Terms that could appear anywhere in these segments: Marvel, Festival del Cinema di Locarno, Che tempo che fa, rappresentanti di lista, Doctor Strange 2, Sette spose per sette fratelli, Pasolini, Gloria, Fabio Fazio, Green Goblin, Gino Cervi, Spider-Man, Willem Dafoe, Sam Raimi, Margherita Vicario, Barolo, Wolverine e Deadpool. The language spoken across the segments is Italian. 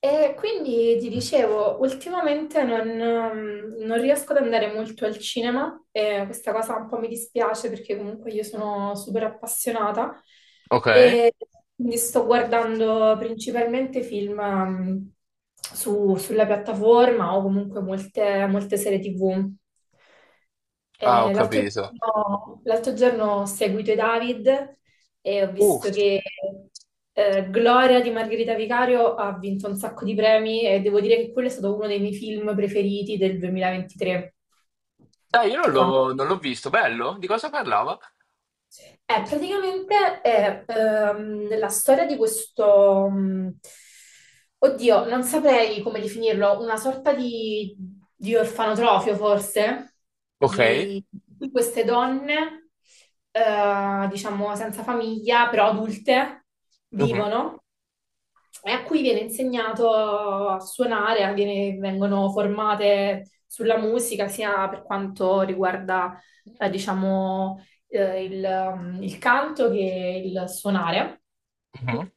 E quindi ti dicevo, ultimamente non riesco ad andare molto al cinema e questa cosa un po' mi dispiace perché comunque io sono super appassionata Ok. e quindi sto guardando principalmente film sulla piattaforma o comunque molte serie TV. Ah, ho capito. L'altro giorno ho seguito i David e ho Uh, visto che Gloria di Margherita Vicario ha vinto un sacco di premi e devo dire che quello è stato uno dei miei film preferiti del 2023. Dai, io non Quando- l'ho non l'ho visto. Bello? Di cosa parlava? Praticamente è la storia di questo, oddio, non saprei come definirlo, una sorta di orfanotrofio forse, Ok. di di queste donne, diciamo senza famiglia, però adulte, Mhm. vivono e a cui viene insegnato a suonare, vengono formate sulla musica, sia per quanto riguarda, diciamo, il, il canto che il suonare. Mhm.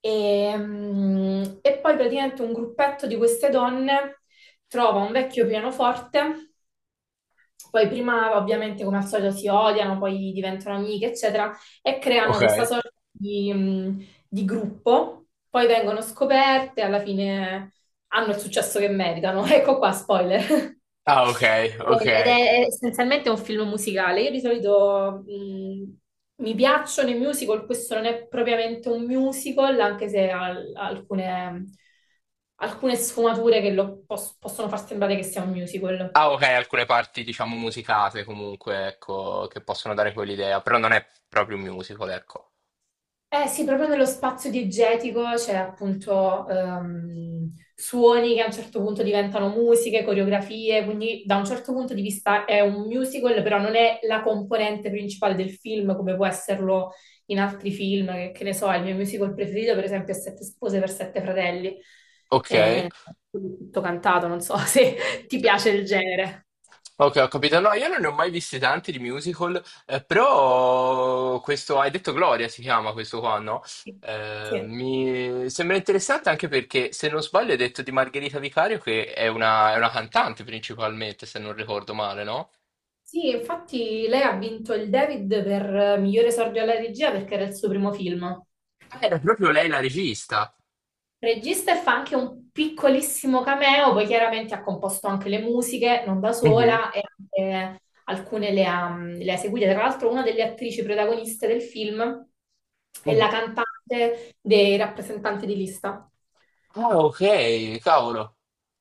E poi praticamente un gruppetto di queste donne trova un vecchio pianoforte, poi prima ovviamente come al solito si odiano, poi diventano amiche, eccetera, e creano Ok. questa sorta di gruppo, poi vengono scoperte, alla fine hanno il successo che meritano. Ecco qua, spoiler. Ah, ok, ok. Ed è essenzialmente un film musicale. Io di solito mi piacciono i musical, questo non è propriamente un musical, anche se ha alcune, alcune sfumature che lo possono far sembrare che sia un musical. Ah, ok, alcune parti, diciamo, musicate comunque, ecco, che possono dare quell'idea, però non è proprio un musical, ecco. Eh sì, proprio nello spazio diegetico c'è appunto suoni che a un certo punto diventano musiche, coreografie, quindi da un certo punto di vista è un musical, però non è la componente principale del film come può esserlo in altri film, che ne so, il mio musical preferito per esempio è Sette spose per sette fratelli, Ok. è tutto cantato, non so se ti piace il genere. Ok, ho capito. No, io non ne ho mai visti tanti di musical, però questo, hai detto Gloria si chiama questo qua, no? Sì. Mi sembra interessante anche perché, se non sbaglio, hai detto di Margherita Vicario che è una cantante principalmente, se non ricordo male, no? Sì, infatti lei ha vinto il David per migliore esordio alla regia perché era il suo primo film. Ah, era proprio lei la regista. Regista e fa anche un piccolissimo cameo, poi chiaramente ha composto anche le musiche, non da Mhm, sola, e anche alcune le ha, le ha seguite. Tra l'altro una delle attrici protagoniste del film è la mhm. cantante dei rappresentanti di lista. Ah, ok, cavolo.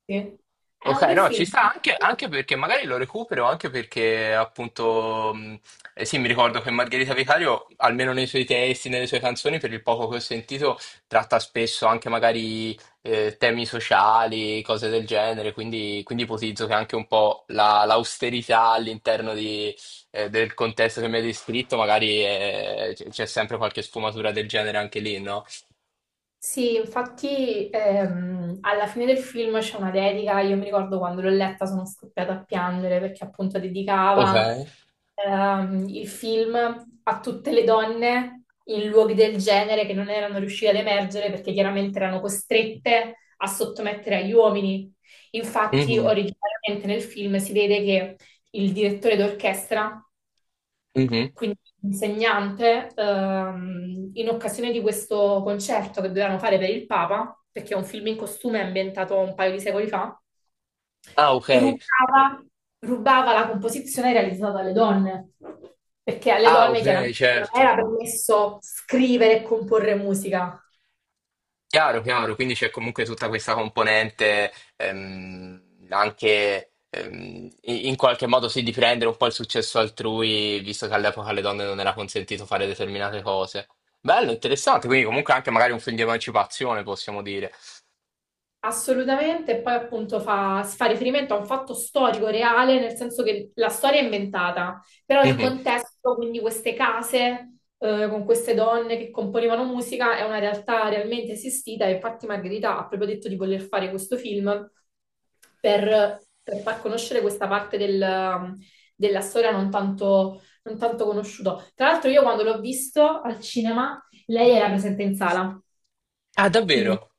Sì. È Ok, un bel no, ci film. sta anche, anche perché magari lo recupero, anche perché appunto, eh sì, mi ricordo che Margherita Vicario, almeno nei suoi testi, nelle sue canzoni, per il poco che ho sentito, tratta spesso anche magari temi sociali, cose del genere, quindi, quindi ipotizzo che anche un po' l'austerità all'interno di, del contesto che mi hai descritto, magari c'è sempre qualche sfumatura del genere anche lì, no? Sì, infatti alla fine del film c'è una dedica, io mi ricordo quando l'ho letta sono scoppiata a piangere perché appunto Ok. dedicava il film a tutte le donne in luoghi del genere che non erano riuscite ad emergere perché chiaramente erano costrette a sottomettere agli uomini. Infatti Mhm, originariamente nel film si vede che il direttore d'orchestra, mhm. quindi l'insegnante, in occasione di questo concerto che dovevano fare per il Papa, perché è un film in costume ambientato un paio di secoli fa, Ah, ok. rubava, rubava la composizione realizzata dalle donne, perché alle Ah, donne ok, chiaramente non certo. era permesso scrivere e comporre musica. Chiaro, chiaro, quindi c'è comunque tutta questa componente ehm, anche in qualche modo sì di prendere un po' il successo altrui, visto che all'epoca alle donne non era consentito fare determinate cose. Bello, Cioè, interessante, quindi comunque anche magari un film di emancipazione, possiamo dire. assolutamente, e poi appunto fa, si fa riferimento a un fatto storico reale, nel senso che la storia è inventata, però il Mhm. contesto, quindi queste case con queste donne che componevano musica, è una realtà realmente esistita e infatti Margherita ha proprio detto di voler fare questo film per far conoscere questa parte della storia non tanto conosciuta. Tra l'altro io quando l'ho visto al cinema, lei era presente in sala. Ah, Quindi davvero?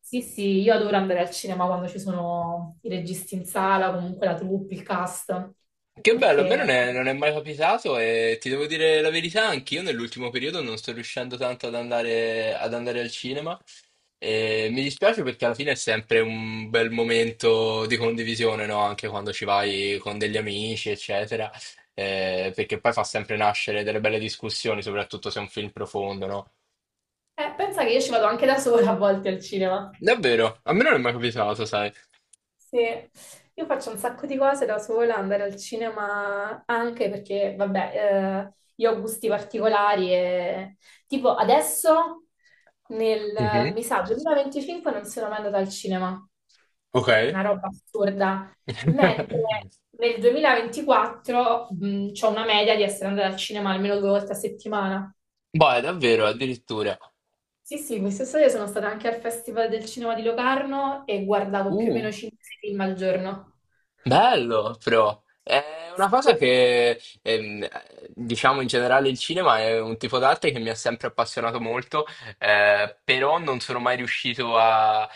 sì, sì, io adoro andare al cinema quando ci sono i registi in sala, comunque la troupe, il cast, Che bello, a me perché non è mai capitato e ti devo dire la verità, anch'io nell'ultimo periodo non sto riuscendo tanto ad andare al cinema e mi dispiace perché alla fine è sempre un bel momento di condivisione, no? Anche quando ci vai con degli amici, eccetera. Perché poi fa sempre nascere delle belle discussioni, soprattutto se è un film profondo, no? Pensa che io ci vado anche da sola a volte al cinema. Davvero, a me non è mai capitato, sai? Sì, io faccio un sacco di cose da sola, andare al cinema anche perché, vabbè, io ho gusti particolari e tipo adesso, nel, Mhm. mi sa, 2025 non sono mai andata al cinema, Ok. che è una roba assurda, mentre nel 2024 ho una media di essere andata al cinema almeno 2 volte a settimana. Boh, è davvero, addirittura. Sì, sì, quest'estate sono stata anche al Festival del Cinema di Locarno e guardavo più o Uh. meno 5 film al giorno. Bello, però. È una cosa Sì. che, diciamo in generale il cinema è un tipo d'arte che mi ha sempre appassionato molto, però non sono mai riuscito a,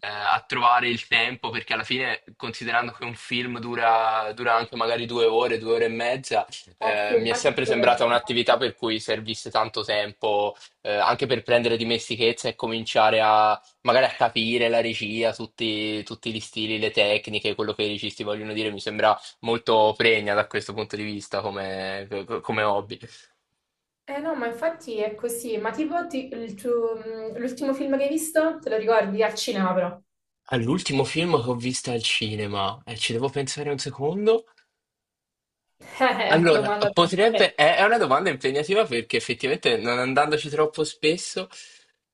a trovare il tempo, perché alla fine, considerando che un film dura anche magari due ore e mezza, Eh sì, mi è infatti sempre quello è il sembrata problema. un'attività per cui servisse tanto tempo, anche per prendere dimestichezza e cominciare a magari a capire la regia, tutti, tutti gli stili, le tecniche, quello che i registi vogliono dire, mi sembra molto pregna da questo punto di vista come, come hobby. Eh no, ma infatti è così. Ma tipo l'ultimo film che hai visto, te lo ricordi? Al cinema però. All'ultimo film che ho visto al cinema, e ci devo pensare un secondo. Allora, domanda troppo. potrebbe, Ok. È una domanda impegnativa perché effettivamente non andandoci troppo spesso,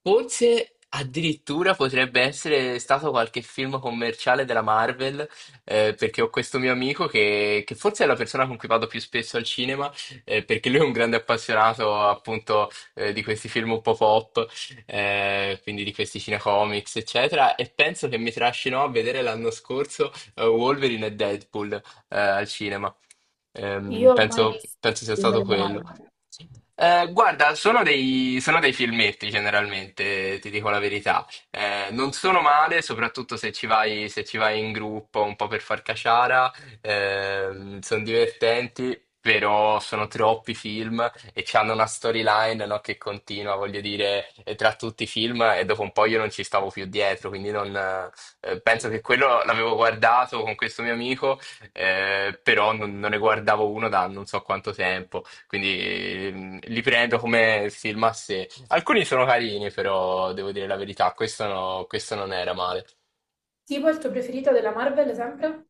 forse addirittura potrebbe essere stato qualche film commerciale della Marvel, perché ho questo mio amico che forse è la persona con cui vado più spesso al cinema, perché lui è un grande appassionato appunto di questi film un po' pop, quindi di questi cinecomics, eccetera, e penso che mi trascinò a vedere l'anno scorso Wolverine e Deadpool al cinema. Io ho mai Penso, visto il penso sia film stato della quello. Marvel. Guarda, sono dei filmetti generalmente, ti dico la verità. Non sono male, soprattutto se ci vai, se ci vai in gruppo un po' per far caciara. Sono divertenti, però sono troppi film e hanno una storyline, no, che continua, voglio dire, tra tutti i film e dopo un po' io non ci stavo più dietro, quindi non, penso che quello l'avevo guardato con questo mio amico, però non ne guardavo uno da non so quanto tempo, quindi li prendo come film a sé. Alcuni sono carini, però devo dire la verità, questo, questo non era male. Tipo il tuo preferito della Marvel sempre?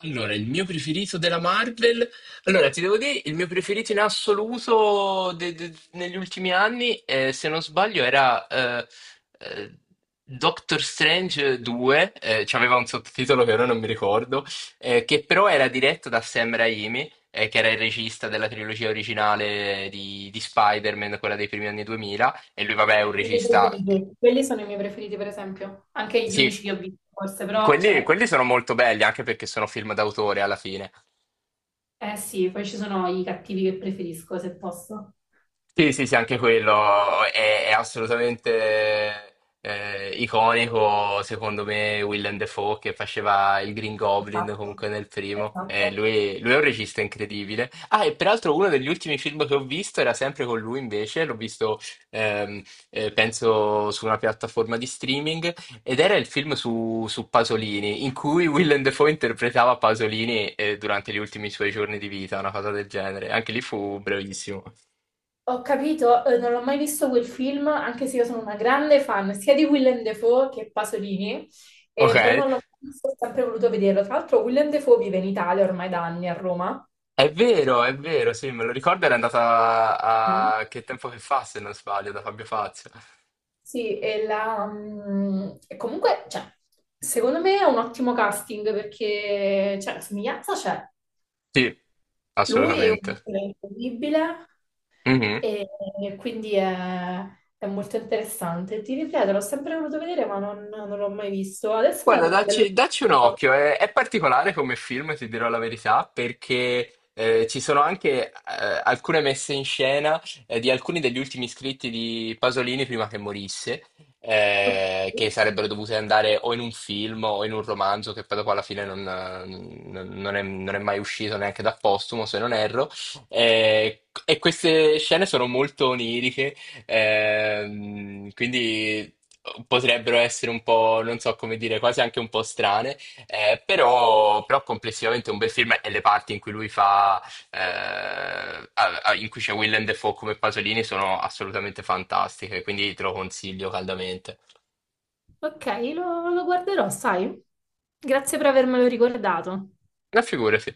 Allora, il mio preferito della Marvel. Allora, ti devo dire, il mio preferito in assoluto negli ultimi anni, se non sbaglio, era eh, Doctor Strange 2, c'aveva un sottotitolo che ora non mi ricordo, che però era diretto da Sam Raimi, che era il regista della trilogia originale di Spider-Man, quella dei primi anni 2000, e lui, vabbè, è un I miei regista. preferiti. Quelli sono i miei preferiti, per esempio. Anche gli unici Sì, che ho visto, forse, però, cioè, quelli sono molto belli anche perché sono film d'autore alla fine. eh sì, poi ci sono i cattivi che preferisco, se posso. Sì, sì, sì, anche quello è assolutamente iconico, secondo me. Willem Dafoe che faceva il Green Goblin Esatto, comunque nel primo. Esatto. Lui, lui è un regista incredibile. Ah, e peraltro uno degli ultimi film che ho visto era sempre con lui invece, l'ho visto, ehm, penso, su una piattaforma di streaming, ed era il film su Pasolini, in cui Willem Dafoe interpretava Pasolini durante gli ultimi suoi giorni di vita, una cosa del genere. Anche lì fu brevissimo. Ho capito, non ho mai visto quel film, anche se io sono una grande fan sia di Willem Dafoe che Pasolini, però Ok. non l'ho mai visto, ho sempre voluto vederlo. Tra l'altro Willem Dafoe vive in Italia ormai da anni a Roma. È vero, sì, me lo ricordo, era andata Mm. a... a Che tempo che fa, se non sbaglio, da Fabio Fazio. Sì, e comunque, cioè, secondo me è un ottimo casting perché, cioè, la somiglianza c'è. Sì, Lui è un assolutamente. attore incredibile, E, e quindi è molto interessante. Ti ripeto, l'ho sempre voluto vedere, ma non l'ho mai visto. Adesso mi ha Guarda, dato un bello dacci, dacci un spunto. occhio, è particolare come film, ti dirò la verità, perché ci sono anche alcune messe in scena di alcuni degli ultimi iscritti di Pasolini prima che morisse, Ok, che sarebbero dovute andare o in un film o in un romanzo, che poi dopo alla fine non è, non è mai uscito neanche da postumo, se non erro. E queste scene sono molto oniriche. Quindi potrebbero essere un po', non so come dire, quasi anche un po' strane, però, però complessivamente è un bel film e le parti in cui lui fa, in cui c'è Willem Dafoe come Pasolini sono assolutamente fantastiche, quindi te lo consiglio caldamente. ok, lo guarderò, sai? Grazie per avermelo ricordato. Una figura, sì.